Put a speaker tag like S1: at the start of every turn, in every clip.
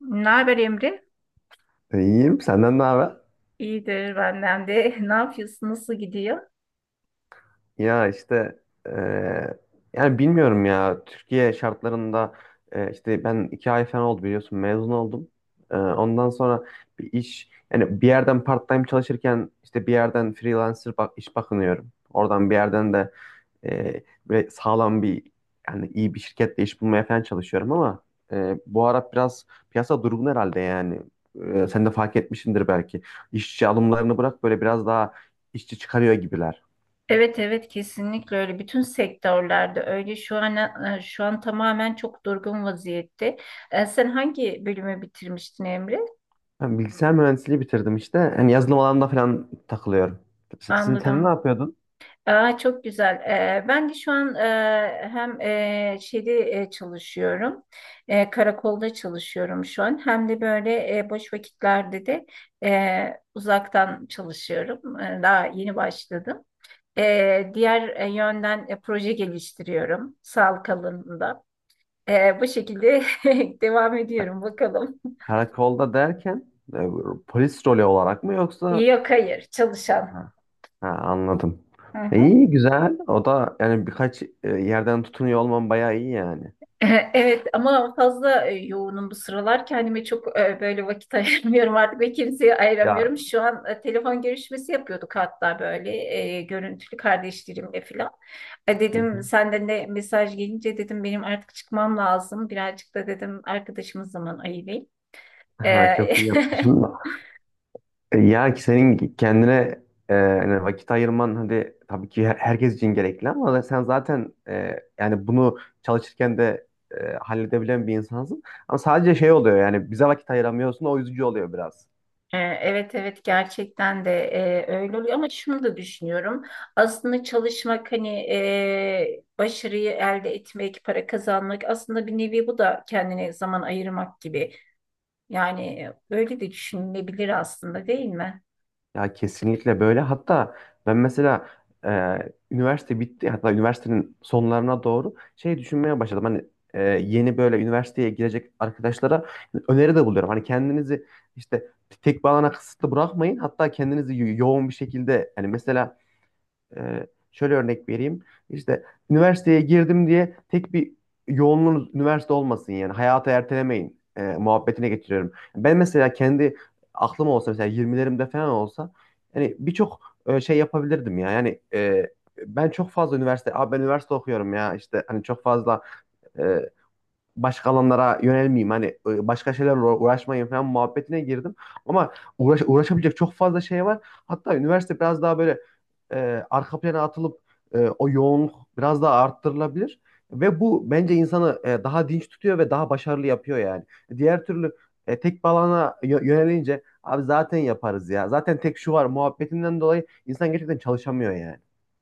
S1: Ne haber Emre?
S2: İyiyim. Senden ne haber?
S1: İyidir benden de. Ne yapıyorsun? Nasıl gidiyor?
S2: Ya işte eee, yani bilmiyorum ya Türkiye şartlarında, işte ben iki ay falan oldu, biliyorsun, mezun oldum. Ondan sonra bir iş yani bir yerden part-time çalışırken, işte bir yerden freelancer, bak, iş bakınıyorum. Oradan bir yerden de böyle sağlam bir, yani iyi bir şirketle iş bulmaya falan çalışıyorum ama bu ara biraz piyasa durgun herhalde yani. Sen de fark etmişsindir belki. İşçi alımlarını bırak, böyle biraz daha işçi çıkarıyor gibiler.
S1: Evet evet kesinlikle öyle. Bütün sektörlerde öyle. Şu an şu an tamamen çok durgun vaziyette. Sen hangi bölümü bitirmiştin Emre?
S2: Ben bilgisayar mühendisliği bitirdim işte. Hani yazılım alanında falan takılıyorum. Sizin sen ne
S1: Anladım.
S2: yapıyordun?
S1: Aa, çok güzel. Ben de şu an hem şeyde çalışıyorum. Karakolda çalışıyorum şu an. Hem de böyle boş vakitlerde de uzaktan çalışıyorum. Daha yeni başladım. Diğer yönden proje geliştiriyorum sağlık alanında. Bu şekilde devam ediyorum bakalım.
S2: Karakolda derken e, polis rolü olarak mı, yoksa
S1: Yok hayır çalışan.
S2: ha, ha, anladım.
S1: Hı hı.
S2: İyi, güzel. O da yani birkaç yerden tutunuyor olman bayağı iyi yani.
S1: Evet ama fazla yoğunum bu sıralar. Kendime çok böyle vakit ayırmıyorum artık ve kimseye
S2: Ya.
S1: ayıramıyorum. Şu an telefon görüşmesi yapıyorduk hatta böyle görüntülü kardeşlerimle falan. Dedim senden de mesaj gelince dedim benim artık çıkmam lazım. Birazcık da dedim arkadaşımız zaman ayırayım.
S2: Ha,
S1: E,
S2: çok iyi yapmışsın. Ya ki senin kendine hani vakit ayırman hadi tabii ki herkes için gerekli, ama sen zaten, yani bunu çalışırken de halledebilen bir insansın. Ama sadece şey oluyor, yani bize vakit ayıramıyorsun, o üzücü oluyor biraz.
S1: Evet evet gerçekten de öyle oluyor ama şunu da düşünüyorum. Aslında çalışmak hani başarıyı elde etmek, para kazanmak aslında bir nevi bu da kendine zaman ayırmak gibi. Yani öyle de düşünülebilir aslında değil mi?
S2: Ya kesinlikle böyle. Hatta ben mesela, e, üniversite bitti. Hatta üniversitenin sonlarına doğru şey düşünmeye başladım. Hani yeni böyle üniversiteye girecek arkadaşlara öneri de buluyorum. Hani kendinizi işte tek bir alana kısıtlı bırakmayın. Hatta kendinizi yoğun bir şekilde, hani mesela, şöyle örnek vereyim. İşte üniversiteye girdim diye tek bir yoğunluğunuz üniversite olmasın yani. Hayatı ertelemeyin muhabbetine getiriyorum. Ben mesela kendi aklım olsa, mesela 20'lerimde falan olsa, hani birçok şey yapabilirdim ya. Yani ben çok fazla üniversite, abi ben üniversite okuyorum ya işte, hani çok fazla e, başka alanlara yönelmeyeyim, hani başka şeylerle uğraşmayayım falan muhabbetine girdim. Ama uğraş, uğraşabilecek çok fazla şey var. Hatta üniversite biraz daha böyle arka plana atılıp o yoğunluk biraz daha arttırılabilir. Ve bu bence insanı daha dinç tutuyor ve daha başarılı yapıyor yani. Diğer türlü tek bir alana yönelince abi zaten yaparız ya. Zaten tek şu var muhabbetinden dolayı insan gerçekten çalışamıyor yani.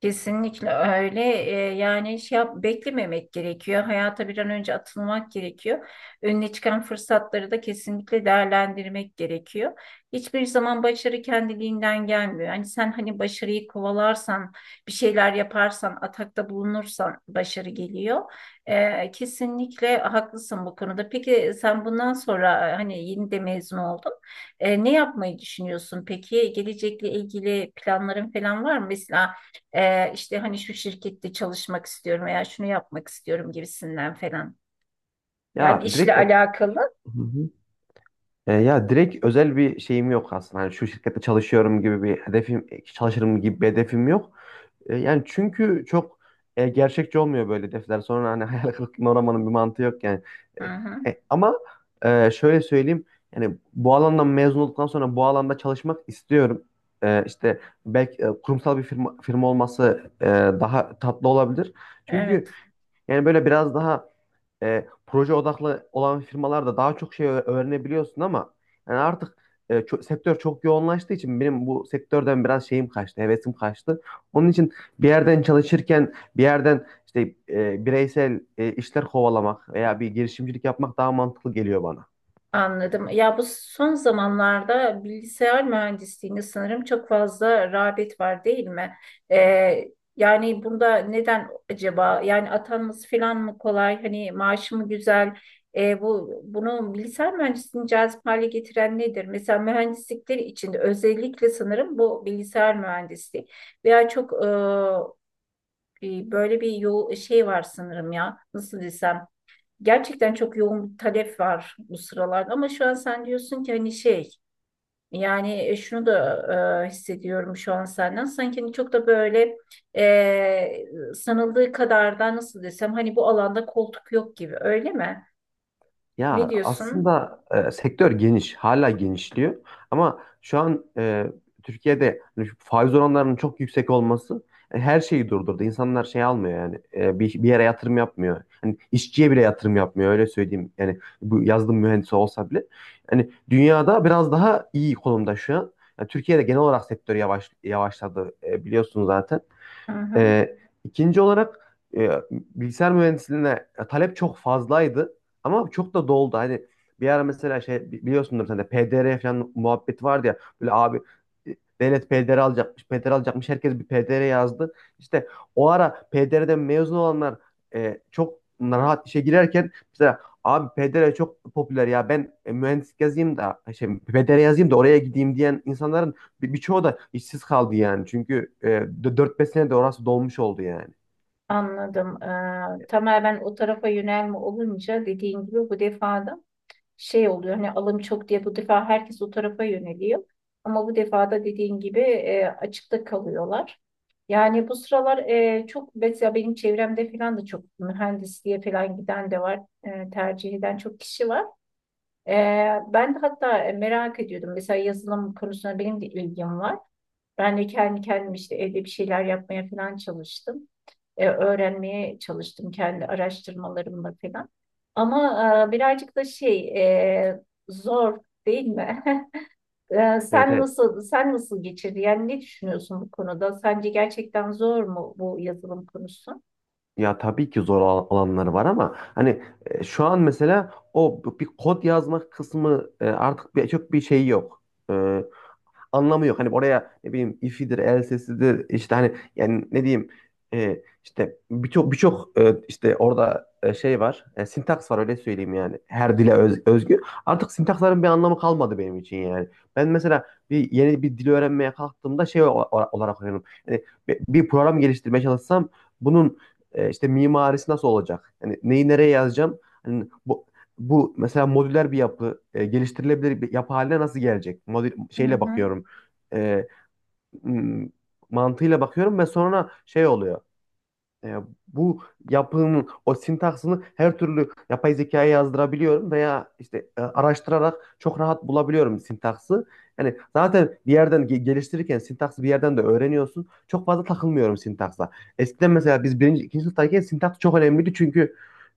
S1: Kesinlikle öyle. Yani şey yap, beklememek gerekiyor. Hayata bir an önce atılmak gerekiyor. Önüne çıkan fırsatları da kesinlikle değerlendirmek gerekiyor. Hiçbir zaman başarı kendiliğinden gelmiyor. Hani sen hani başarıyı kovalarsan, bir şeyler yaparsan, atakta bulunursan başarı geliyor. Kesinlikle haklısın bu konuda. Peki sen bundan sonra hani yeni de mezun oldun. Ne yapmayı düşünüyorsun peki? Gelecekle ilgili planların falan var mı? Mesela işte hani şu şirkette çalışmak istiyorum veya şunu yapmak istiyorum gibisinden falan. Yani
S2: Ya
S1: işle
S2: direkt. Hı
S1: alakalı.
S2: hı. Ya direkt özel bir şeyim yok aslında. Hani şu şirkette çalışıyorum gibi bir hedefim, çalışırım gibi bir hedefim yok. Yani çünkü çok gerçekçi olmuyor böyle hedefler. Sonra hani hayal kırıklığına uğramanın bir mantığı yok yani.
S1: Hı
S2: E,
S1: hı.
S2: ama şöyle söyleyeyim. Yani bu alandan mezun olduktan sonra bu alanda çalışmak istiyorum. İşte belki kurumsal firma olması daha tatlı olabilir. Çünkü
S1: Evet.
S2: yani böyle biraz daha proje odaklı olan firmalarda daha çok şey öğrenebiliyorsun, ama yani artık sektör çok yoğunlaştığı için benim bu sektörden biraz şeyim kaçtı, hevesim kaçtı. Onun için bir yerden çalışırken, bir yerden işte bireysel işler kovalamak veya bir girişimcilik yapmak daha mantıklı geliyor bana.
S1: Anladım. Ya bu son zamanlarda bilgisayar mühendisliğinde sanırım çok fazla rağbet var değil mi? Ee, Yani bunda neden acaba? Yani atanması falan mı kolay? Hani maaşı mı güzel? Bu bunu bilgisayar mühendisliğini cazip hale getiren nedir? Mesela mühendislikler içinde özellikle sanırım bu bilgisayar mühendisliği veya çok böyle bir yol şey var sanırım ya. Nasıl desem? Gerçekten çok yoğun bir talep var bu sıralarda ama şu an sen diyorsun ki hani şey yani şunu da hissediyorum şu an senden sanki hani çok da böyle sanıldığı kadar da nasıl desem hani bu alanda koltuk yok gibi öyle mi?
S2: Ya
S1: Ne diyorsun?
S2: aslında sektör geniş, hala genişliyor. Ama şu an Türkiye'de hani şu faiz oranlarının çok yüksek olması her şeyi durdurdu. İnsanlar şey almıyor yani, bir yere yatırım yapmıyor. Hani işçiye bile yatırım yapmıyor, öyle söyleyeyim. Yani bu yazılım mühendisi olsa bile. Yani dünyada biraz daha iyi konumda şu an. Yani Türkiye'de genel olarak sektör yavaşladı, biliyorsunuz zaten.
S1: Hı hı,
S2: Ee, ikinci olarak bilgisayar mühendisliğine talep çok fazlaydı, ama çok da doldu. Hani bir ara mesela şey, biliyorsundur sen de, PDR falan muhabbeti vardı ya. Böyle abi, devlet PDR alacakmış, PDR alacakmış, herkes bir PDR yazdı. İşte o ara PDR'den mezun olanlar çok rahat işe girerken, mesela abi PDR çok popüler ya, ben mühendislik yazayım da şey, PDR yazayım da oraya gideyim diyen insanların birçoğu da işsiz kaldı yani. Çünkü 4-5 senede orası dolmuş oldu yani.
S1: anladım. Tamamen o tarafa yönelme olunca dediğin gibi bu defada şey oluyor hani alım çok diye bu defa herkes o tarafa yöneliyor. Ama bu defa da dediğin gibi açıkta kalıyorlar. Yani bu sıralar çok mesela benim çevremde falan da çok mühendisliğe falan giden de var. Tercih eden çok kişi var. E, Ben de hatta merak ediyordum. Mesela yazılım konusuna benim de ilgim var. Ben de kendi kendim işte evde bir şeyler yapmaya falan çalıştım. Öğrenmeye çalıştım kendi araştırmalarımla falan. Ama birazcık da şey e, zor değil mi?
S2: Evet,
S1: Sen
S2: evet.
S1: nasıl sen nasıl geçirdin? Yani ne düşünüyorsun bu konuda? Sence gerçekten zor mu bu yazılım konusu?
S2: Ya tabii ki zor alanları var, ama hani şu an mesela o bir kod yazmak kısmı artık çok bir şey yok. E, anlamı yok. Hani oraya ne bileyim, ifidir, elsesidir işte, hani yani ne diyeyim, işte birçok işte orada şey var. Sintaks var, öyle söyleyeyim yani. Her dile özgü. Artık sintaksların bir anlamı kalmadı benim için yani. Ben mesela yeni bir dil öğrenmeye kalktığımda şey olarak öğreniyorum. Yani bir program geliştirmeye çalışsam, bunun işte mimarisi nasıl olacak? Yani neyi nereye yazacağım? Hani bu mesela modüler bir yapı, geliştirilebilir bir yapı haline nasıl gelecek? Modül
S1: Hı
S2: şeyle
S1: hı,
S2: bakıyorum, e, m- mantığıyla bakıyorum ve sonra şey oluyor. E, bu yapının o sintaksını her türlü yapay zekaya yazdırabiliyorum, veya işte araştırarak çok rahat bulabiliyorum sintaksı. Yani zaten bir yerden geliştirirken sintaksı bir yerden de öğreniyorsun. Çok fazla takılmıyorum sintaksa. Eskiden mesela biz birinci, ikinci sınıftayken sintaks çok önemliydi, çünkü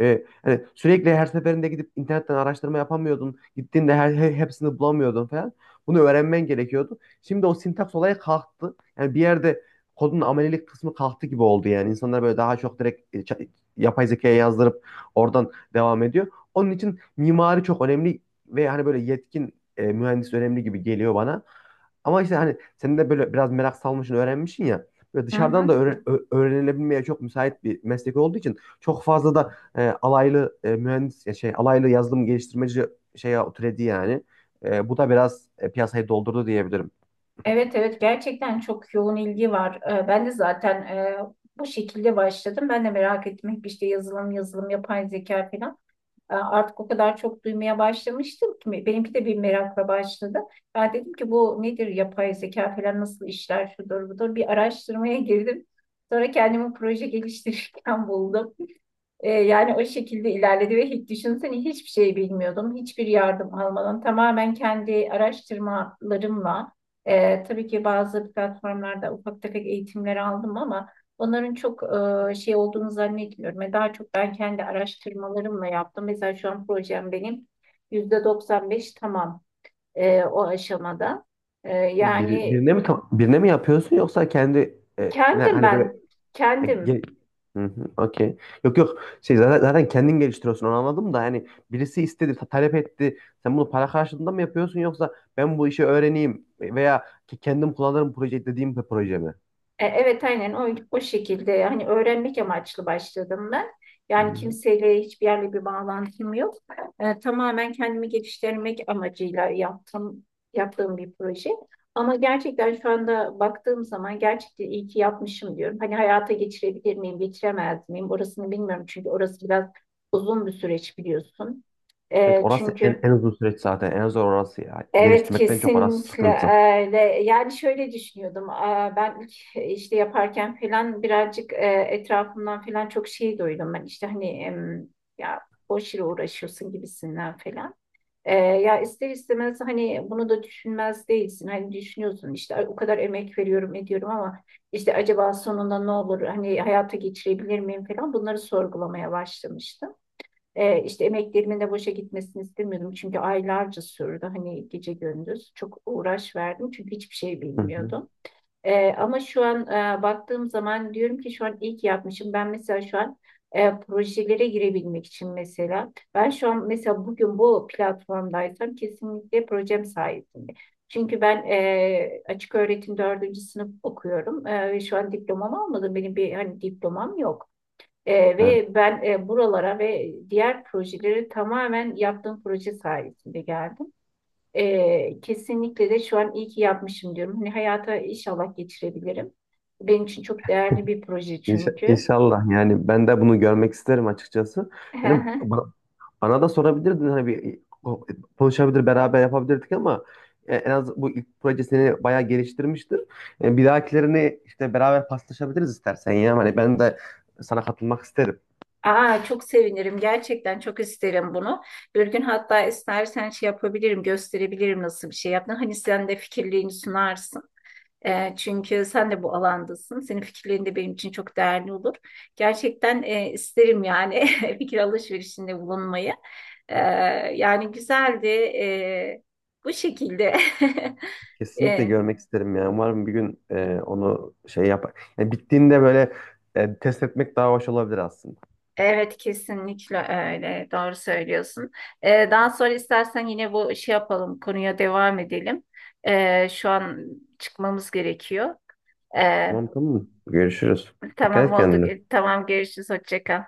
S2: hani sürekli her seferinde gidip internetten araştırma yapamıyordun. Gittiğinde hepsini bulamıyordun falan. Bunu öğrenmen gerekiyordu. Şimdi o sintaks olayı kalktı. Yani bir yerde kodun amelilik kısmı kalktı gibi oldu yani. İnsanlar böyle daha çok direkt, yapay zekaya yazdırıp oradan devam ediyor. Onun için mimari çok önemli ve hani böyle yetkin mühendis önemli gibi geliyor bana. Ama işte hani sen de böyle biraz merak salmışsın, öğrenmişsin ya. Böyle
S1: hı
S2: dışarıdan da
S1: hı.
S2: öğrenilebilmeye çok müsait bir meslek olduğu için çok fazla da alaylı mühendis, ya şey, alaylı yazılım geliştirmeci şeye türedi yani. Bu da biraz piyasayı doldurdu diyebilirim.
S1: Evet evet gerçekten çok yoğun ilgi var. Ben de zaten bu şekilde başladım. Ben de merak ettim hep işte yazılım yazılım yapay zeka falan. Artık o kadar çok duymaya başlamıştım ki benimki de bir merakla başladı. Ben dedim ki bu nedir yapay zeka falan nasıl işler şudur budur bir araştırmaya girdim. Sonra kendimi proje geliştirirken buldum. Yani o şekilde ilerledi ve hiç düşünsene hiçbir şey bilmiyordum. Hiçbir yardım almadan tamamen kendi araştırmalarımla tabii ki bazı platformlarda ufak tefek eğitimler aldım ama onların çok şey olduğunu zannetmiyorum. Ve daha çok ben kendi araştırmalarımla yaptım. Mesela şu an projem benim %95 tamam o aşamada.
S2: Bunu
S1: Yani
S2: birine mi, birine mi yapıyorsun, yoksa kendi ne,
S1: kendim
S2: hani böyle
S1: ben
S2: e,
S1: kendim.
S2: ge- Hı hı, okey. Yok, yok. Şey zaten kendin geliştiriyorsun, onu anladım da hani birisi istedi, talep etti. Sen bunu para karşılığında mı yapıyorsun, yoksa ben bu işi öğreneyim veya ki kendim kullanırım proje dediğim bir proje mi?
S1: Evet aynen o şekilde hani öğrenmek amaçlı başladım ben.
S2: Hı
S1: Yani
S2: hı.
S1: kimseyle hiçbir yerle bir bağlantım yok. Tamamen kendimi geliştirmek amacıyla yaptım, yaptığım bir proje. Ama gerçekten şu anda baktığım zaman gerçekten iyi ki yapmışım diyorum. Hani hayata geçirebilir miyim, geçiremez miyim orasını bilmiyorum. Çünkü orası biraz uzun bir süreç biliyorsun.
S2: Evet,
S1: E,
S2: orası
S1: çünkü
S2: en uzun süreç zaten. En zor orası ya.
S1: Evet
S2: Geliştirmekten çok orası
S1: kesinlikle
S2: sıkıntı.
S1: öyle. Yani şöyle düşünüyordum. Aa, ben ilk işte yaparken falan birazcık etrafımdan falan çok şey duydum. Ben işte hani ya boş yere uğraşıyorsun gibisinden falan. Ya ister istemez hani bunu da düşünmez değilsin. Hani düşünüyorsun işte "Ay, o kadar emek veriyorum ediyorum ama işte acaba sonunda ne olur? Hani hayata geçirebilir miyim falan bunları sorgulamaya başlamıştım. İşte emeklerimin de boşa gitmesini istemiyordum çünkü aylarca sürdü hani gece gündüz çok uğraş verdim çünkü hiçbir şey
S2: Hı hı.
S1: bilmiyordum. Ama şu an baktığım zaman diyorum ki şu an iyi ki yapmışım. Ben mesela şu an projelere girebilmek için mesela ben şu an mesela bugün bu platformdaysam kesinlikle projem sayesinde. Çünkü ben açık öğretim dördüncü sınıf okuyorum. Ve şu an diplomamı almadım. Benim bir hani diplomam yok.
S2: Evet.
S1: Ve ben buralara ve diğer projeleri tamamen yaptığım proje sayesinde geldim. Kesinlikle de şu an iyi ki yapmışım diyorum. Hani hayata inşallah geçirebilirim. Benim için çok değerli bir proje çünkü.
S2: İnşallah, yani ben de bunu görmek isterim açıkçası. Yani bana da sorabilirdin, hani bir konuşabilir, beraber yapabilirdik ama en az bu ilk proje seni bayağı geliştirmiştir. Bir dahakilerini işte beraber paslaşabiliriz istersen ya. Hani ben de sana katılmak isterim.
S1: Aa, çok sevinirim. Gerçekten çok isterim bunu. Bir gün hatta istersen şey yapabilirim, gösterebilirim nasıl bir şey yaptın. Hani sen de fikirliğini sunarsın. Çünkü sen de bu alandasın. Senin fikirlerin de benim için çok değerli olur. Gerçekten isterim yani fikir alışverişinde bulunmayı. E, Yani güzeldi. Bu şekilde.
S2: Kesinlikle
S1: E,
S2: görmek isterim ya. Umarım bir gün onu şey yapar. Yani bittiğinde böyle test etmek daha hoş olabilir aslında.
S1: evet kesinlikle öyle. Doğru söylüyorsun. Daha sonra istersen yine bu şey yapalım. Konuya devam edelim. Şu an çıkmamız gerekiyor. E,
S2: Tamam, tamam. Görüşürüz. Dikkat
S1: tamam
S2: et
S1: oldu.
S2: kendine.
S1: Tamam görüşürüz. Hoşça kal.